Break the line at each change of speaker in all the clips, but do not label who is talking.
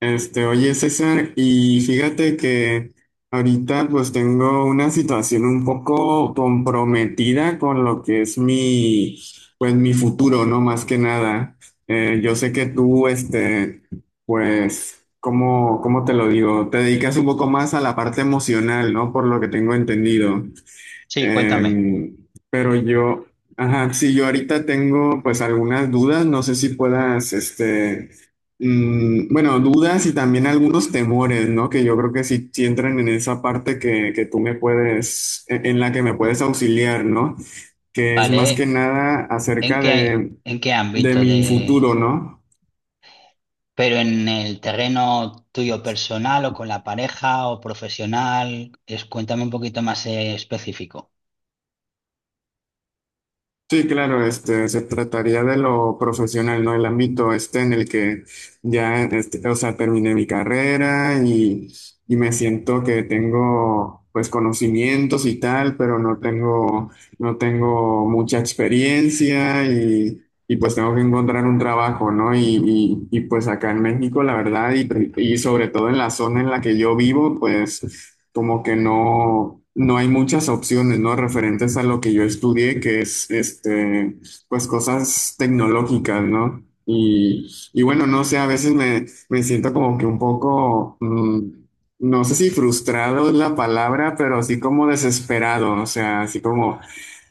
Oye César, y fíjate que ahorita pues tengo una situación un poco comprometida con lo que es mi, pues mi futuro, ¿no? Más que nada. Yo sé que tú, pues, ¿cómo, cómo te lo digo? Te dedicas un poco más a la parte emocional, ¿no? Por lo que tengo entendido.
Sí, cuéntame.
Em, pero yo, ajá, sí, yo ahorita tengo pues algunas dudas, no sé si puedas, bueno, dudas y también algunos temores, ¿no? Que yo creo que sí, sí entran en esa parte que tú me puedes, en la que me puedes auxiliar, ¿no? Que es más que
Vale,
nada
¿en
acerca
qué, en qué
de
ámbito
mi futuro, ¿no?
pero en el terreno tuyo personal, o con la pareja, o profesional? Cuéntame un poquito más, específico.
Sí, claro, se trataría de lo profesional, ¿no? El ámbito este en el que ya, o sea, terminé mi carrera y me siento que tengo, pues, conocimientos y tal, pero no tengo, no tengo mucha experiencia y pues tengo que encontrar un trabajo, ¿no? Pues acá en México, la verdad, y sobre todo en la zona en la que yo vivo, pues como que no, no hay muchas opciones, ¿no? Referentes a lo que yo estudié, que es, pues cosas tecnológicas, ¿no? Y bueno, no sé, a veces me, me siento como que un poco, no sé si frustrado es la palabra, pero así como desesperado, o sea, así como,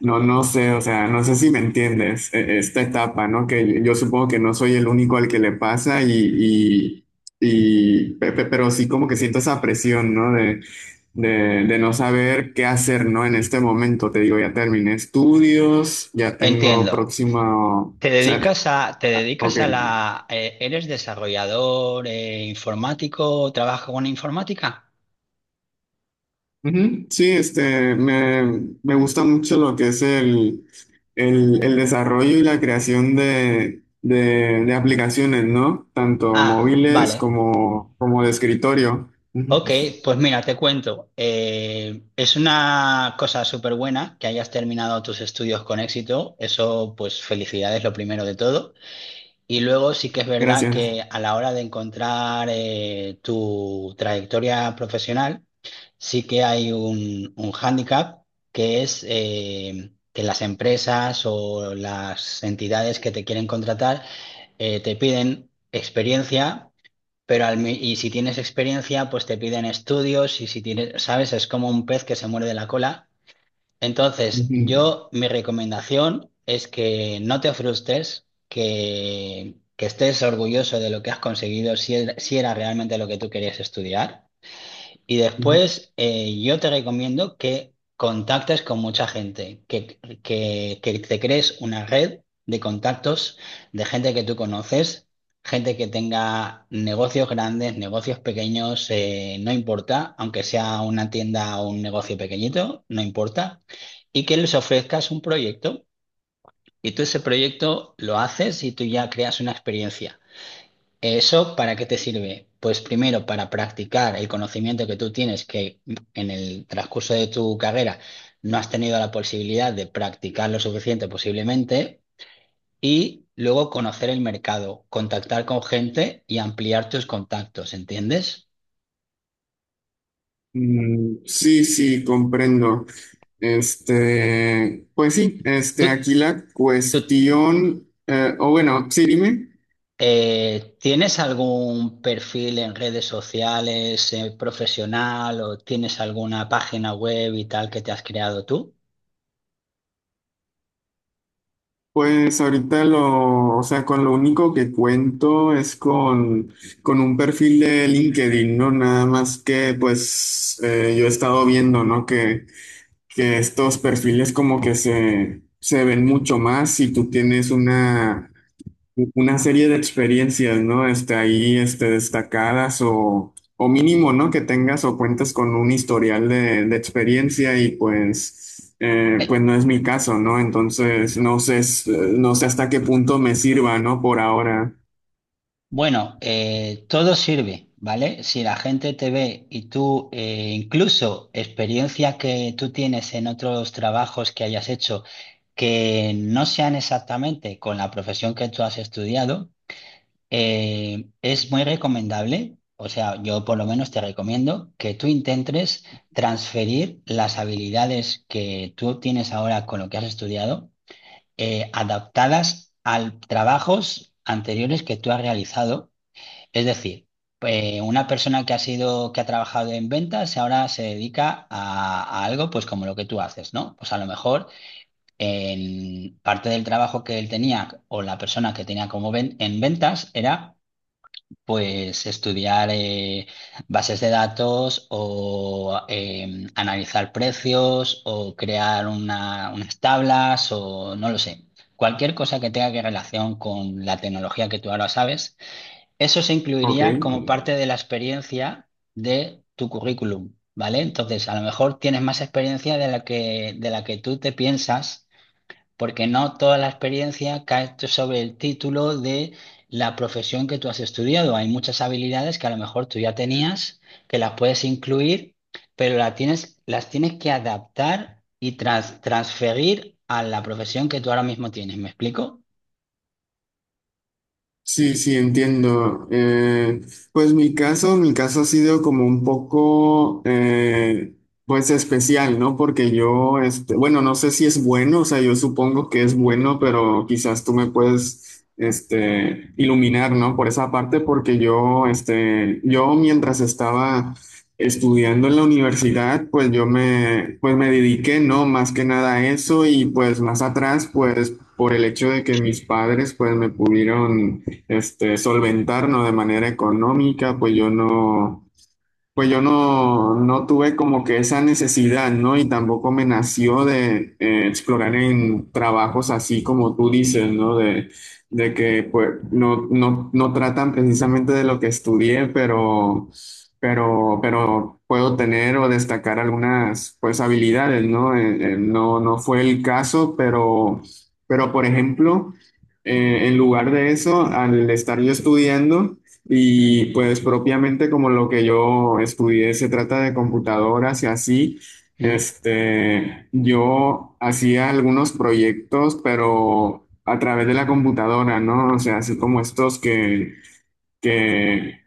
no, no sé, o sea, no sé si me entiendes, esta etapa, ¿no? Que yo supongo que no soy el único al que le pasa y pero sí como que siento esa presión, ¿no? de, de no saber qué hacer, ¿no? En este momento, te digo, ya terminé estudios, ya tengo
Entiendo.
próximo, o sea,
Te
ah,
dedicas
ok.
a la, Eres desarrollador, informático? ¿Trabajas con informática?
Ujú. Sí, me, me gusta mucho lo que es el, el desarrollo y la creación de aplicaciones, ¿no? Tanto
Ah,
móviles
vale.
como, como de escritorio. Ujú.
Ok, pues mira, te cuento. Es una cosa súper buena que hayas terminado tus estudios con éxito. Eso, pues felicidades, lo primero de todo. Y luego sí que es verdad
Gracias.
que, a la hora de encontrar tu trayectoria profesional, sí que hay un hándicap, que es que las empresas o las entidades que te quieren contratar, te piden experiencia, pero y si tienes experiencia, pues te piden estudios. Y si tienes, ¿sabes? Es como un pez que se muerde la cola. Entonces,
Ujú,
yo, mi recomendación es que no te frustres, que estés orgulloso de lo que has conseguido, si era realmente lo que tú querías estudiar. Y
ujú.
después, yo te recomiendo que contactes con mucha gente, que te crees una red de contactos, de gente que tú conoces, gente que tenga negocios grandes, negocios pequeños, no importa, aunque sea una tienda o un negocio pequeñito, no importa, y que les ofrezcas un proyecto. Y tú, ese proyecto lo haces, y tú ya creas una experiencia. ¿Eso para qué te sirve? Pues primero, para practicar el conocimiento que tú tienes, que en el transcurso de tu carrera no has tenido la posibilidad de practicar lo suficiente, posiblemente, y luego conocer el mercado, contactar con gente y ampliar tus contactos. ¿Entiendes?
Mm, sí, sí, comprendo. Pues sí,
¿Tú,
aquí la
tú,
cuestión, o bueno, sí, dime,
Tienes algún perfil en redes sociales, profesional, o tienes alguna página web y tal que te has creado tú?
pues ahorita lo, o sea, con lo único que cuento es con un perfil de LinkedIn, ¿no? Nada más que, pues, yo he estado viendo, ¿no? Que estos perfiles como que se ven mucho más si tú tienes una serie de experiencias, ¿no? Ahí, destacadas o mínimo, ¿no? Que tengas o cuentes con un historial de experiencia y pues,
Eh,
pues no es mi caso, ¿no? Entonces, no sé, no sé hasta qué punto me sirva, ¿no? Por ahora.
Bueno, todo sirve, ¿vale? Si la gente te ve y tú, incluso experiencia que tú tienes en otros trabajos que hayas hecho, que no sean exactamente con la profesión que tú has estudiado, es muy recomendable. O sea, yo por lo menos te recomiendo que tú intentes transferir las habilidades que tú tienes ahora con lo que has estudiado, adaptadas a trabajos anteriores que tú has realizado. Es decir, una persona que ha sido, que ha trabajado en ventas y ahora se dedica a algo, pues como lo que tú haces, ¿no? Pues a lo mejor, en parte del trabajo que él tenía, o la persona que tenía como en ventas, era pues estudiar, bases de datos, o analizar precios, o crear unas tablas, o no lo sé. Cualquier cosa que tenga que relación con la tecnología que tú ahora sabes, eso se
Ok.
incluiría como parte de la experiencia de tu currículum, ¿vale? Entonces, a lo mejor tienes más experiencia de la que tú te piensas, porque no toda la experiencia cae sobre el título de la profesión que tú has estudiado. Hay muchas habilidades que a lo mejor tú ya tenías, que las puedes incluir, pero las tienes que adaptar y transferir a la profesión que tú ahora mismo tienes. ¿Me explico?
Sí, sí, entiendo. Pues mi caso ha sido como un poco, pues especial, ¿no? Porque yo, bueno, no sé si es bueno, o sea, yo supongo que es bueno, pero quizás tú me puedes, iluminar, ¿no? Por esa parte, porque yo, yo mientras estaba estudiando en la universidad, pues yo me, pues me dediqué, ¿no? Más que nada a eso y pues más atrás, pues por el hecho de que mis padres, pues me pudieron solventarnos de manera económica, pues yo no, no tuve como que esa necesidad, ¿no? Y tampoco me nació de explorar en trabajos así como tú dices, ¿no? De que pues no, no, no tratan precisamente de lo que estudié, pero puedo tener o destacar algunas pues habilidades, ¿no? No, no fue el caso, pero por ejemplo, en lugar de eso, al estar yo estudiando, y
Mm,
pues propiamente como lo que yo estudié se trata de computadoras y así,
mm.
yo hacía algunos proyectos, pero a través de la computadora, ¿no? O sea, así como estos que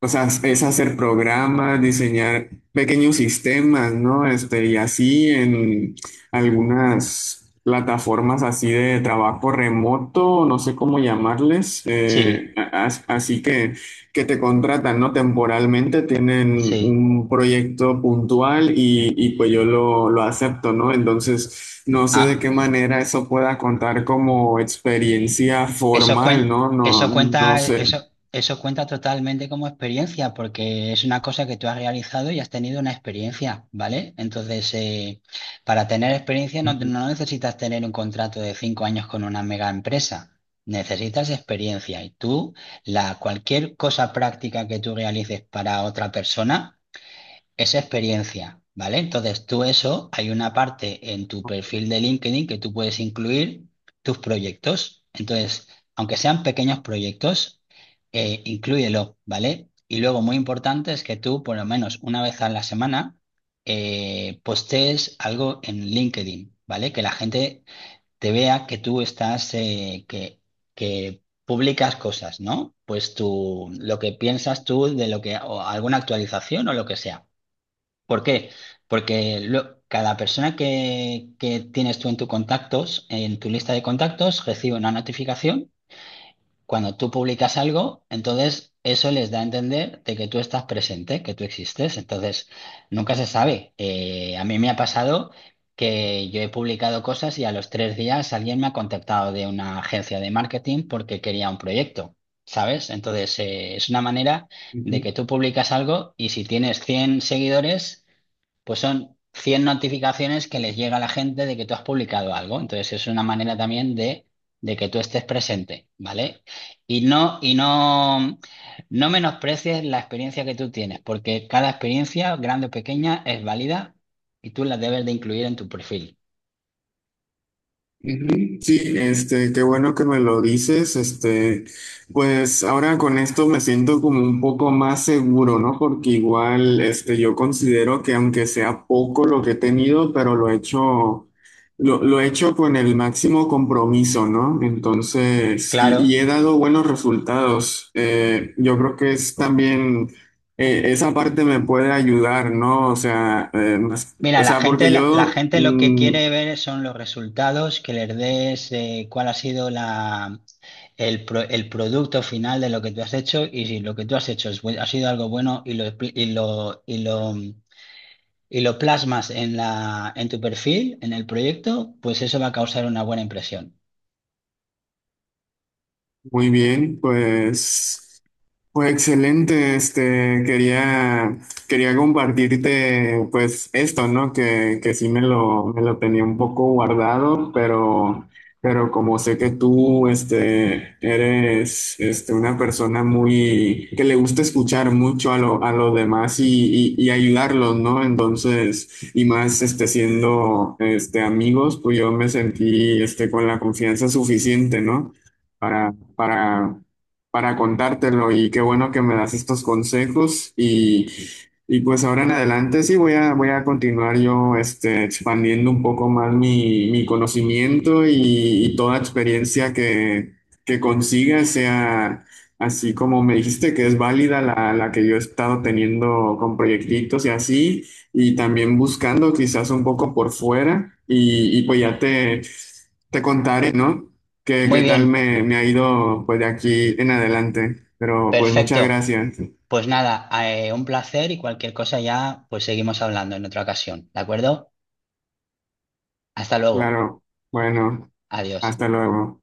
o sea, es hacer programas, diseñar pequeños sistemas, ¿no? Y así en algunas plataformas así de trabajo remoto, no sé cómo llamarles,
Sí,
así que te contratan, ¿no? Temporalmente tienen
sí.
un proyecto puntual y pues yo lo acepto, ¿no? Entonces, no sé de qué
Ah.
manera eso pueda contar como experiencia
Eso
formal,
cuen-
¿no? No,
eso
no
cuenta,
sé.
eso cuenta totalmente como experiencia, porque es una cosa que tú has realizado y has tenido una experiencia, ¿vale? Entonces, para tener experiencia, no, no necesitas tener un contrato de 5 años con una mega empresa. Necesitas experiencia, y tú, cualquier cosa práctica que tú realices para otra persona, es experiencia, ¿vale? Entonces tú, eso, hay una parte en tu perfil de LinkedIn que tú puedes incluir tus proyectos. Entonces, aunque sean pequeños proyectos, inclúyelo, ¿vale? Y luego, muy importante es que tú, por lo menos una vez a la semana, postees algo en LinkedIn, ¿vale? Que la gente te vea que tú estás, que publicas cosas, ¿no? Pues tú, lo que piensas tú de lo que, o alguna actualización o lo que sea. ¿Por qué? Porque cada persona que tienes tú en tus contactos, en tu lista de contactos, recibe una notificación cuando tú publicas algo. Entonces, eso les da a entender de que tú estás presente, que tú existes. Entonces, nunca se sabe. A mí me ha pasado que yo he publicado cosas y a los 3 días alguien me ha contactado de una agencia de marketing porque quería un proyecto. ¿Sabes? Entonces, es una manera de que tú publicas algo, y si tienes 100 seguidores, pues son 100 notificaciones que les llega a la gente de que tú has publicado algo. Entonces es una manera también de que tú estés presente, ¿vale? Y no, y no, no menosprecies la experiencia que tú tienes, porque cada experiencia, grande o pequeña, es válida, y tú la debes de incluir en tu perfil.
Ujú. Sí, qué bueno que me lo dices, pues ahora con esto me siento como un poco más seguro, ¿no? Porque igual, yo considero que aunque sea poco lo que he tenido, pero lo he hecho con el máximo compromiso, ¿no? Entonces, y
Claro.
he dado buenos resultados. Yo creo que es también, esa parte me puede ayudar, ¿no? O sea,
Mira,
o
la
sea,
gente,
porque
la
yo...
gente lo que
mm,
quiere ver son los resultados, que les des, cuál ha sido el producto final de lo que tú has hecho. Y si lo que tú has hecho es ha sido algo bueno, y lo, expli- y lo, y lo, y lo plasmas en tu perfil, en el proyecto, pues eso va a causar una buena impresión.
muy bien, pues. Pues excelente, quería, quería compartirte pues esto, ¿no? Que sí me lo tenía un poco guardado, pero como sé que tú, eres, una persona muy, que le gusta escuchar mucho a lo, a los demás y ayudarlos, ¿no? Entonces, y más, siendo, amigos, pues yo me sentí, con la confianza suficiente, ¿no? para, para para contártelo y qué bueno que me das estos consejos y pues ahora en adelante sí voy a, voy a continuar yo expandiendo un poco más mi, mi conocimiento y toda experiencia que consiga sea así como me dijiste que es válida la, la que yo he estado teniendo con proyectitos y así y también buscando quizás un poco por fuera y pues ya te contaré, ¿no? Qué,
Muy
qué tal
bien,
me, me ha ido pues de aquí en adelante. Pero pues muchas
perfecto.
gracias.
Pues nada, un placer, y cualquier cosa ya, pues seguimos hablando en otra ocasión, ¿de acuerdo? Hasta luego.
Claro. Bueno,
Adiós.
hasta luego.